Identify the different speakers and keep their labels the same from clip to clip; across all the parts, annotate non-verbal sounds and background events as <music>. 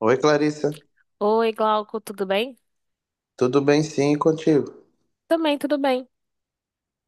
Speaker 1: Oi, Clarissa.
Speaker 2: Oi, Glauco, tudo bem?
Speaker 1: Tudo bem, sim, e contigo?
Speaker 2: Também, tudo bem.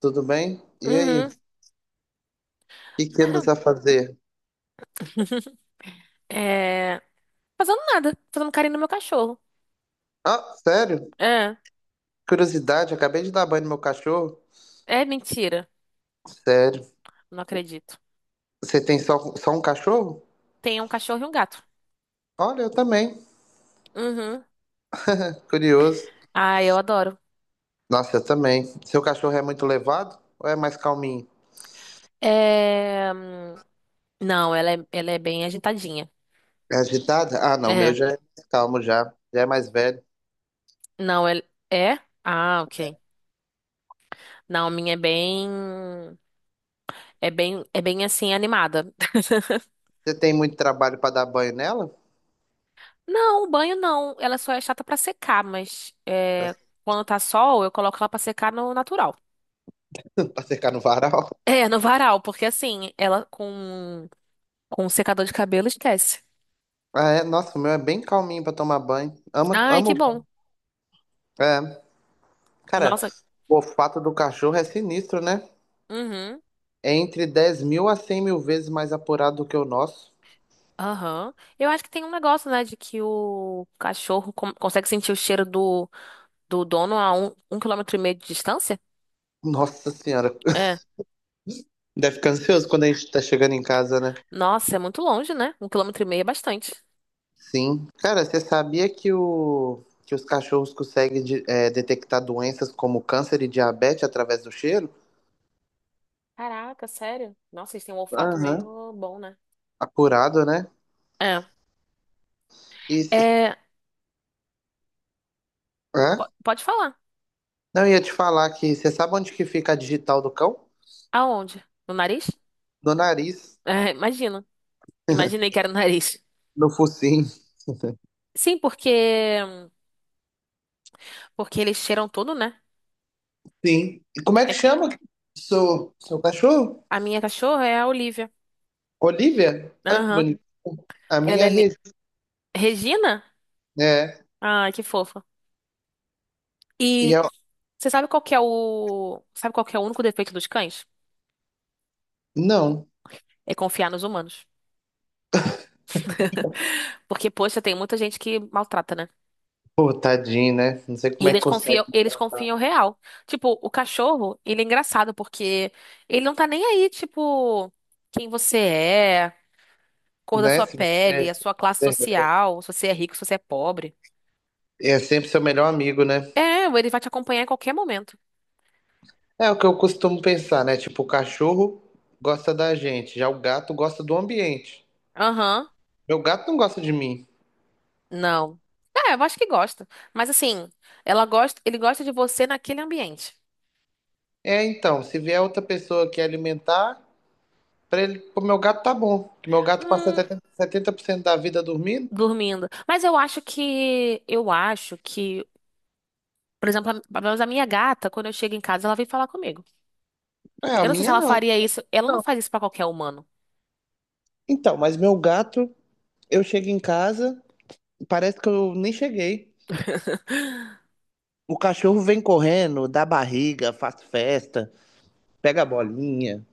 Speaker 1: Tudo bem? E aí? O
Speaker 2: Uhum.
Speaker 1: que que andas a fazer?
Speaker 2: <laughs> É. Fazendo nada, fazendo carinho no meu cachorro.
Speaker 1: Ah, sério?
Speaker 2: É,
Speaker 1: Curiosidade, acabei de dar banho no meu cachorro.
Speaker 2: é mentira.
Speaker 1: Sério?
Speaker 2: Não acredito.
Speaker 1: Você tem só um cachorro?
Speaker 2: Tem um cachorro e um gato.
Speaker 1: Olha, eu também.
Speaker 2: Uhum.
Speaker 1: Curioso.
Speaker 2: Ah, eu adoro.
Speaker 1: Nossa, eu também. Seu cachorro é muito levado ou é mais calminho?
Speaker 2: É... hum, Não, ela é bem agitadinha.
Speaker 1: É agitado? Ah, não, o meu
Speaker 2: É.
Speaker 1: já é mais calmo já. Já é mais velho.
Speaker 2: Não, ela é? Ah, ok. Não, a minha é bem. É bem assim, animada.
Speaker 1: Você tem muito trabalho pra dar banho nela?
Speaker 2: Não, o banho não. Ela só é chata pra secar, mas
Speaker 1: Pra, <laughs>
Speaker 2: quando tá sol, eu coloco ela pra secar no natural.
Speaker 1: pra secar no varal?
Speaker 2: É, no varal, porque assim, ela com um secador de cabelo esquece.
Speaker 1: Ah, é? Nossa, o meu é bem calminho pra tomar banho. Amo,
Speaker 2: Ai, que
Speaker 1: amo
Speaker 2: bom.
Speaker 1: banho. É. Cara,
Speaker 2: Nossa.
Speaker 1: o olfato do cachorro é sinistro, né?
Speaker 2: Uhum.
Speaker 1: É entre 10.000 a 100.000 vezes mais apurado do que o nosso.
Speaker 2: Aham. Eu acho que tem um negócio, né, de que o cachorro consegue sentir o cheiro do dono a um quilômetro e meio de distância.
Speaker 1: Nossa senhora. <laughs>
Speaker 2: É.
Speaker 1: Deve ficar ansioso quando a gente tá chegando em casa, né?
Speaker 2: Nossa, é muito longe, né? 1,5 km é bastante.
Speaker 1: Sim. Cara, você sabia que, o, que os cachorros conseguem detectar doenças como câncer e diabetes através do cheiro?
Speaker 2: Caraca, sério? Nossa, eles têm um olfato
Speaker 1: Aham.
Speaker 2: mesmo bom, né?
Speaker 1: Apurado, né?
Speaker 2: É.
Speaker 1: E,
Speaker 2: É,
Speaker 1: hã?
Speaker 2: pode falar.
Speaker 1: Não, eu ia te falar que você sabe onde que fica a digital do cão?
Speaker 2: Aonde? No nariz?
Speaker 1: No nariz,
Speaker 2: É, imagino. Imaginei que era no nariz.
Speaker 1: no focinho. <laughs>
Speaker 2: Sim, porque eles cheiram tudo, né?
Speaker 1: Sim. E como é que
Speaker 2: É-
Speaker 1: chama seu cachorro?
Speaker 2: A minha cachorra é a Olivia.
Speaker 1: Olivia? Ah, que
Speaker 2: Aham.
Speaker 1: bonito. A
Speaker 2: Ela
Speaker 1: minha
Speaker 2: é. li-
Speaker 1: rede,
Speaker 2: Regina?
Speaker 1: né?
Speaker 2: Ai, que fofa.
Speaker 1: E
Speaker 2: E
Speaker 1: eu...
Speaker 2: você sabe qual que é o. Sabe qual que é o único defeito dos cães?
Speaker 1: Não.
Speaker 2: É confiar nos humanos. <laughs> Porque, poxa, tem muita gente que maltrata, né?
Speaker 1: Pô, tadinho, né? Não sei
Speaker 2: E
Speaker 1: como é que
Speaker 2: eles
Speaker 1: consegue,
Speaker 2: confiam, eles confiam real. Tipo, o cachorro, ele é engraçado porque ele não tá nem aí, tipo, quem você é, cor da
Speaker 1: né?
Speaker 2: sua
Speaker 1: Se
Speaker 2: pele,
Speaker 1: você-
Speaker 2: a sua classe social, se você é rico, se você é pobre.
Speaker 1: é sempre seu melhor amigo, né?
Speaker 2: É, ele vai te acompanhar em qualquer momento.
Speaker 1: É o que eu costumo pensar, né? Tipo, o cachorro gosta da gente, já o gato gosta do ambiente.
Speaker 2: Aham.
Speaker 1: Meu gato não gosta de mim.
Speaker 2: Não. É, eu acho que gosta. Mas assim, ela gosta, ele gosta de você naquele ambiente.
Speaker 1: É, então, se vier outra pessoa que alimentar, pra ele, pro meu gato tá bom. Que meu gato passa
Speaker 2: Hum,
Speaker 1: setenta por cento da vida dormindo.
Speaker 2: dormindo. Mas eu acho que, por exemplo, pelo menos a minha gata, quando eu chego em casa, ela vem falar comigo.
Speaker 1: É, a
Speaker 2: Eu não sei se
Speaker 1: minha
Speaker 2: ela
Speaker 1: não.
Speaker 2: faria isso. Ela não
Speaker 1: Não.
Speaker 2: faz isso pra qualquer humano.
Speaker 1: Então, mas meu gato, eu chego em casa. Parece que eu nem cheguei. O cachorro vem correndo, dá barriga, faz festa, pega a bolinha,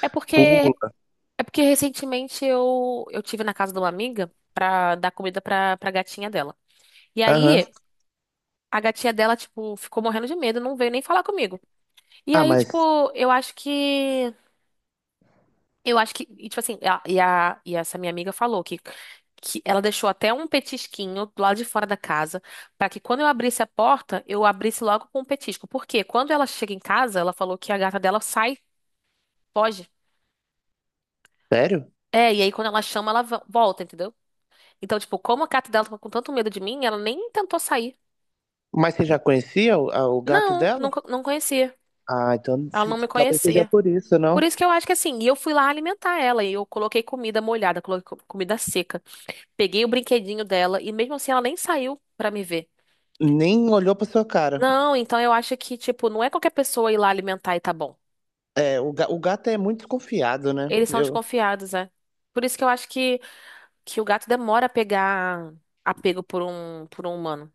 Speaker 2: É porque,
Speaker 1: pula.
Speaker 2: é porque recentemente eu tive na casa de uma amiga pra dar comida pra gatinha dela. E
Speaker 1: Aham.
Speaker 2: aí, a gatinha dela, tipo, ficou morrendo de medo, não veio nem falar comigo. E
Speaker 1: Ah,
Speaker 2: aí,
Speaker 1: mas
Speaker 2: tipo, eu acho que, e, tipo assim, a, e essa minha amiga falou que ela deixou até um petisquinho do lado de fora da casa, pra que quando eu abrisse a porta, eu abrisse logo com um petisco. Porque quando ela chega em casa, ela falou que a gata dela sai, foge.
Speaker 1: sério?
Speaker 2: É, e aí quando ela chama, ela volta, entendeu? Então, tipo, como a gata dela tava com tanto medo de mim, ela nem tentou sair.
Speaker 1: Mas você já conhecia o gato
Speaker 2: Não,
Speaker 1: dela?
Speaker 2: nunca, não conhecia.
Speaker 1: Ah, então
Speaker 2: Ela
Speaker 1: se-
Speaker 2: não me
Speaker 1: talvez seja
Speaker 2: conhecia.
Speaker 1: por isso,
Speaker 2: Por
Speaker 1: não?
Speaker 2: isso que eu acho que assim, e eu fui lá alimentar ela, e eu coloquei comida molhada, coloquei comida seca. Peguei o brinquedinho dela e mesmo assim ela nem saiu pra me ver.
Speaker 1: Nem olhou pra sua cara.
Speaker 2: Não, então eu acho que, tipo, não é qualquer pessoa ir lá alimentar e tá bom.
Speaker 1: É, o gato é muito desconfiado, né?
Speaker 2: Eles são
Speaker 1: Eu,
Speaker 2: desconfiados, é. Por isso que eu acho que o gato demora a pegar apego por um humano.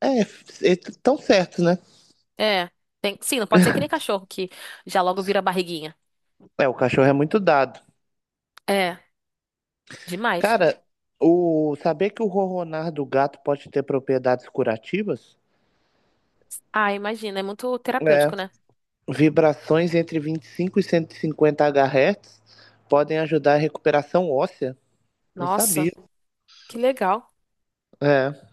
Speaker 1: é, eles tão certo, né?
Speaker 2: É. Tem, sim, não pode ser que nem cachorro que já logo vira barriguinha.
Speaker 1: É, o cachorro é muito dado.
Speaker 2: É, demais.
Speaker 1: Cara, o saber que o ronronar do gato pode ter propriedades curativas?
Speaker 2: Ah, imagina, é muito
Speaker 1: É,
Speaker 2: terapêutico, né?
Speaker 1: vibrações entre 25 e 150 Hz podem ajudar a recuperação óssea. Não sabia.
Speaker 2: Nossa, que legal.
Speaker 1: É.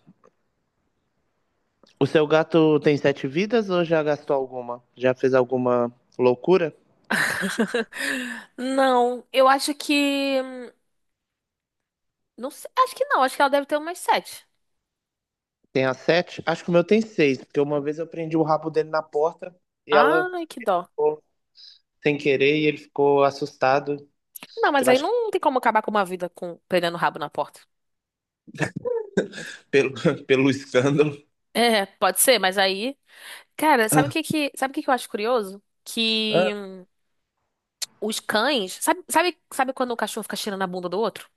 Speaker 1: O seu gato tem sete vidas ou já gastou alguma? Já fez alguma loucura?
Speaker 2: <laughs> Não, eu acho que. Não sei, acho que não, acho que ela deve ter umas sete.
Speaker 1: Tem a sete? Acho que o meu tem seis, porque uma vez eu prendi o rabo dele na porta e ela
Speaker 2: Ai, que dó.
Speaker 1: ficou sem querer e ele ficou assustado.
Speaker 2: Não, mas
Speaker 1: Eu
Speaker 2: aí
Speaker 1: acho que
Speaker 2: não tem como acabar com uma vida com pegando o rabo na porta.
Speaker 1: pelo, <laughs> pelo escândalo.
Speaker 2: É, pode ser, mas aí. Cara, sabe o que que eu acho curioso? Que
Speaker 1: Ah,
Speaker 2: os cães. Sabe quando o cachorro fica cheirando a bunda do outro?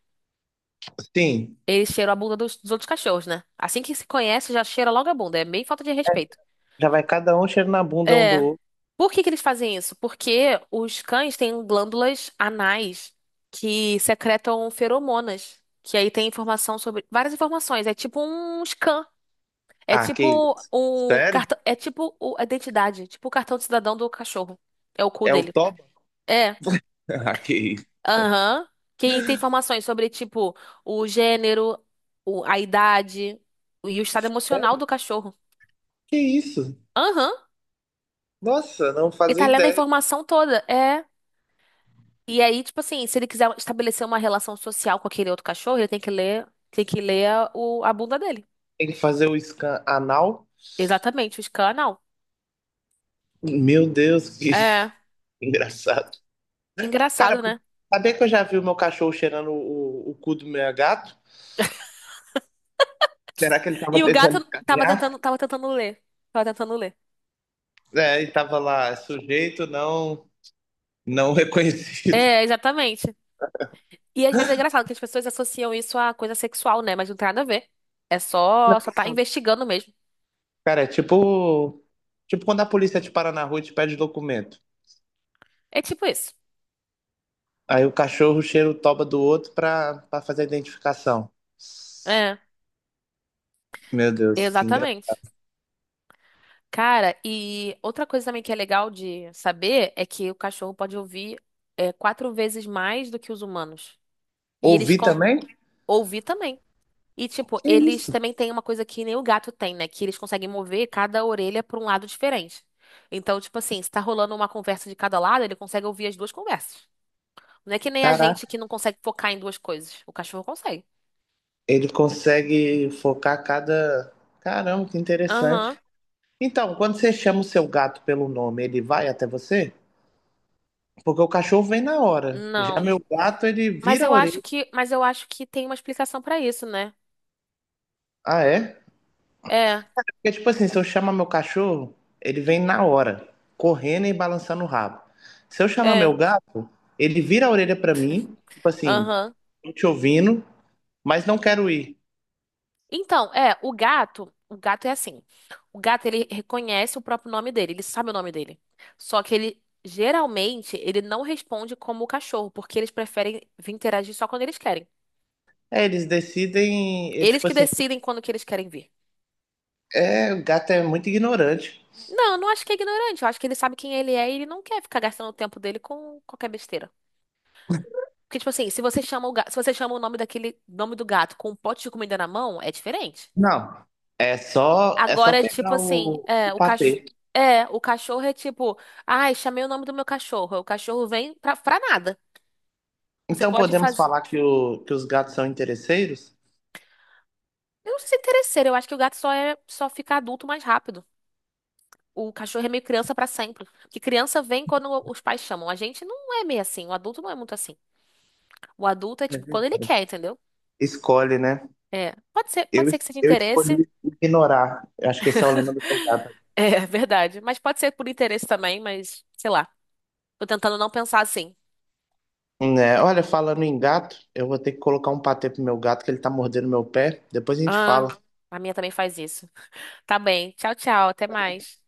Speaker 1: sim,
Speaker 2: Eles cheiram a bunda dos outros cachorros, né? Assim que se conhece, já cheira logo a bunda. É meio falta de respeito.
Speaker 1: já vai cada um cheiro na bunda um do
Speaker 2: É.
Speaker 1: outro.
Speaker 2: Por que que eles fazem isso? Porque os cães têm glândulas anais que secretam feromonas. Que aí tem informação sobre. Várias informações. É tipo um scan. É
Speaker 1: Ah, que
Speaker 2: tipo
Speaker 1: isso.
Speaker 2: o
Speaker 1: Sério?
Speaker 2: cartão, é tipo a identidade, tipo o cartão de cidadão do cachorro. É o cu
Speaker 1: É o
Speaker 2: dele.
Speaker 1: Toba? <laughs>
Speaker 2: É.
Speaker 1: Ah, que isso.
Speaker 2: Aham. Quem tem informações sobre tipo o gênero, a idade e o estado emocional
Speaker 1: É,
Speaker 2: do cachorro.
Speaker 1: que isso?
Speaker 2: Aham.
Speaker 1: Nossa, não
Speaker 2: Ele
Speaker 1: fazia
Speaker 2: tá lendo a
Speaker 1: ideia.
Speaker 2: informação toda. É. E aí, tipo assim, se ele quiser estabelecer uma relação social com aquele outro cachorro, ele tem que ler a bunda dele.
Speaker 1: Tem que fazer o scan anal.
Speaker 2: Exatamente, o canal.
Speaker 1: Meu Deus, que <laughs>
Speaker 2: É.
Speaker 1: engraçado. Cara,
Speaker 2: Engraçado,
Speaker 1: mas
Speaker 2: né?
Speaker 1: sabia que eu já vi o meu cachorro cheirando o cu do meu gato? Será que ele
Speaker 2: E
Speaker 1: tava
Speaker 2: o gato
Speaker 1: tentando
Speaker 2: tava
Speaker 1: escanear?
Speaker 2: tentando, tava tentando ler. Tava tentando ler.
Speaker 1: É, e tava lá, é sujeito não, não <laughs> reconhecido.
Speaker 2: É, exatamente. E às vezes é engraçado que as pessoas associam isso a coisa sexual, né? Mas não tem nada a ver. É só tá
Speaker 1: Nossa,
Speaker 2: investigando mesmo.
Speaker 1: cara, é tipo, tipo quando a polícia te para na rua e te pede documento.
Speaker 2: É tipo isso.
Speaker 1: Aí o cachorro cheira o toba do outro pra, pra fazer a identificação.
Speaker 2: É,
Speaker 1: Meu Deus, que engraçado.
Speaker 2: exatamente. Cara, e outra coisa também que é legal de saber é que o cachorro pode ouvir 4 vezes mais do que os humanos. E eles
Speaker 1: Ouvi
Speaker 2: con
Speaker 1: também?
Speaker 2: ouvir também. E, tipo,
Speaker 1: Que
Speaker 2: eles
Speaker 1: isso?
Speaker 2: também têm uma coisa que nem o gato tem, né? Que eles conseguem mover cada orelha para um lado diferente. Então, tipo assim, se tá rolando uma conversa de cada lado, ele consegue ouvir as duas conversas. Não é que nem a gente que
Speaker 1: Caraca,
Speaker 2: não consegue focar em duas coisas. O cachorro consegue.
Speaker 1: ele consegue focar cada. Caramba, que interessante.
Speaker 2: Aham.
Speaker 1: Então, quando você chama o seu gato pelo nome, ele vai até você? Porque o cachorro vem na hora. Já meu
Speaker 2: Não.
Speaker 1: gato, ele
Speaker 2: Mas
Speaker 1: vira a
Speaker 2: eu acho
Speaker 1: orelha.
Speaker 2: que, mas eu acho que tem uma explicação pra isso, né?
Speaker 1: Ah, é?
Speaker 2: É,
Speaker 1: Porque, tipo assim, se eu chamar meu cachorro, ele vem na hora, correndo e balançando o rabo. Se eu chamar
Speaker 2: é.
Speaker 1: meu gato, ele vira a orelha pra mim, tipo assim,
Speaker 2: Aham.
Speaker 1: tô te ouvindo, mas não quero ir.
Speaker 2: Então, é, o gato é assim. O gato ele reconhece o próprio nome dele, ele sabe o nome dele. Só que ele geralmente ele não responde como o cachorro, porque eles preferem vir interagir só quando eles querem.
Speaker 1: É, eles decidem, é,
Speaker 2: Eles
Speaker 1: tipo
Speaker 2: que
Speaker 1: assim,
Speaker 2: decidem quando que eles querem vir.
Speaker 1: é, o gato é muito ignorante.
Speaker 2: Não, eu não acho que é ignorante. Eu acho que ele sabe quem ele é e ele não quer ficar gastando o tempo dele com qualquer besteira. Porque, tipo assim, se você chama o gato, se você chama o nome daquele nome do gato com um pote de comida na mão, é diferente.
Speaker 1: Não, é só
Speaker 2: Agora, tipo
Speaker 1: pegar
Speaker 2: assim,
Speaker 1: o
Speaker 2: é, o cachorro.
Speaker 1: patê.
Speaker 2: É, o cachorro é tipo, ai, chamei o nome do meu cachorro. O cachorro vem pra nada. Você
Speaker 1: Então
Speaker 2: pode
Speaker 1: podemos
Speaker 2: fazer.
Speaker 1: falar que, o, que os gatos são interesseiros?
Speaker 2: Eu não sei se é interesseiro, eu acho que o gato só fica adulto mais rápido. O cachorro é meio criança pra sempre. Porque criança vem quando os pais chamam. A gente não é meio assim, o adulto não é muito assim. O adulto é tipo quando ele
Speaker 1: Uhum.
Speaker 2: quer, entendeu?
Speaker 1: Escolhe, né?
Speaker 2: É,
Speaker 1: Eu,
Speaker 2: pode ser que seja
Speaker 1: eu
Speaker 2: interesse.
Speaker 1: escolhi ignorar. Eu acho que esse é o lema do meu gato.
Speaker 2: <laughs> É verdade. Mas pode ser por interesse também, mas sei lá. Tô tentando não pensar assim.
Speaker 1: Né? Olha, falando em gato, eu vou ter que colocar um patê pro meu gato, que ele tá mordendo meu pé. Depois a gente
Speaker 2: Ah,
Speaker 1: fala.
Speaker 2: a minha também faz isso. Tá bem. Tchau, tchau. Até mais.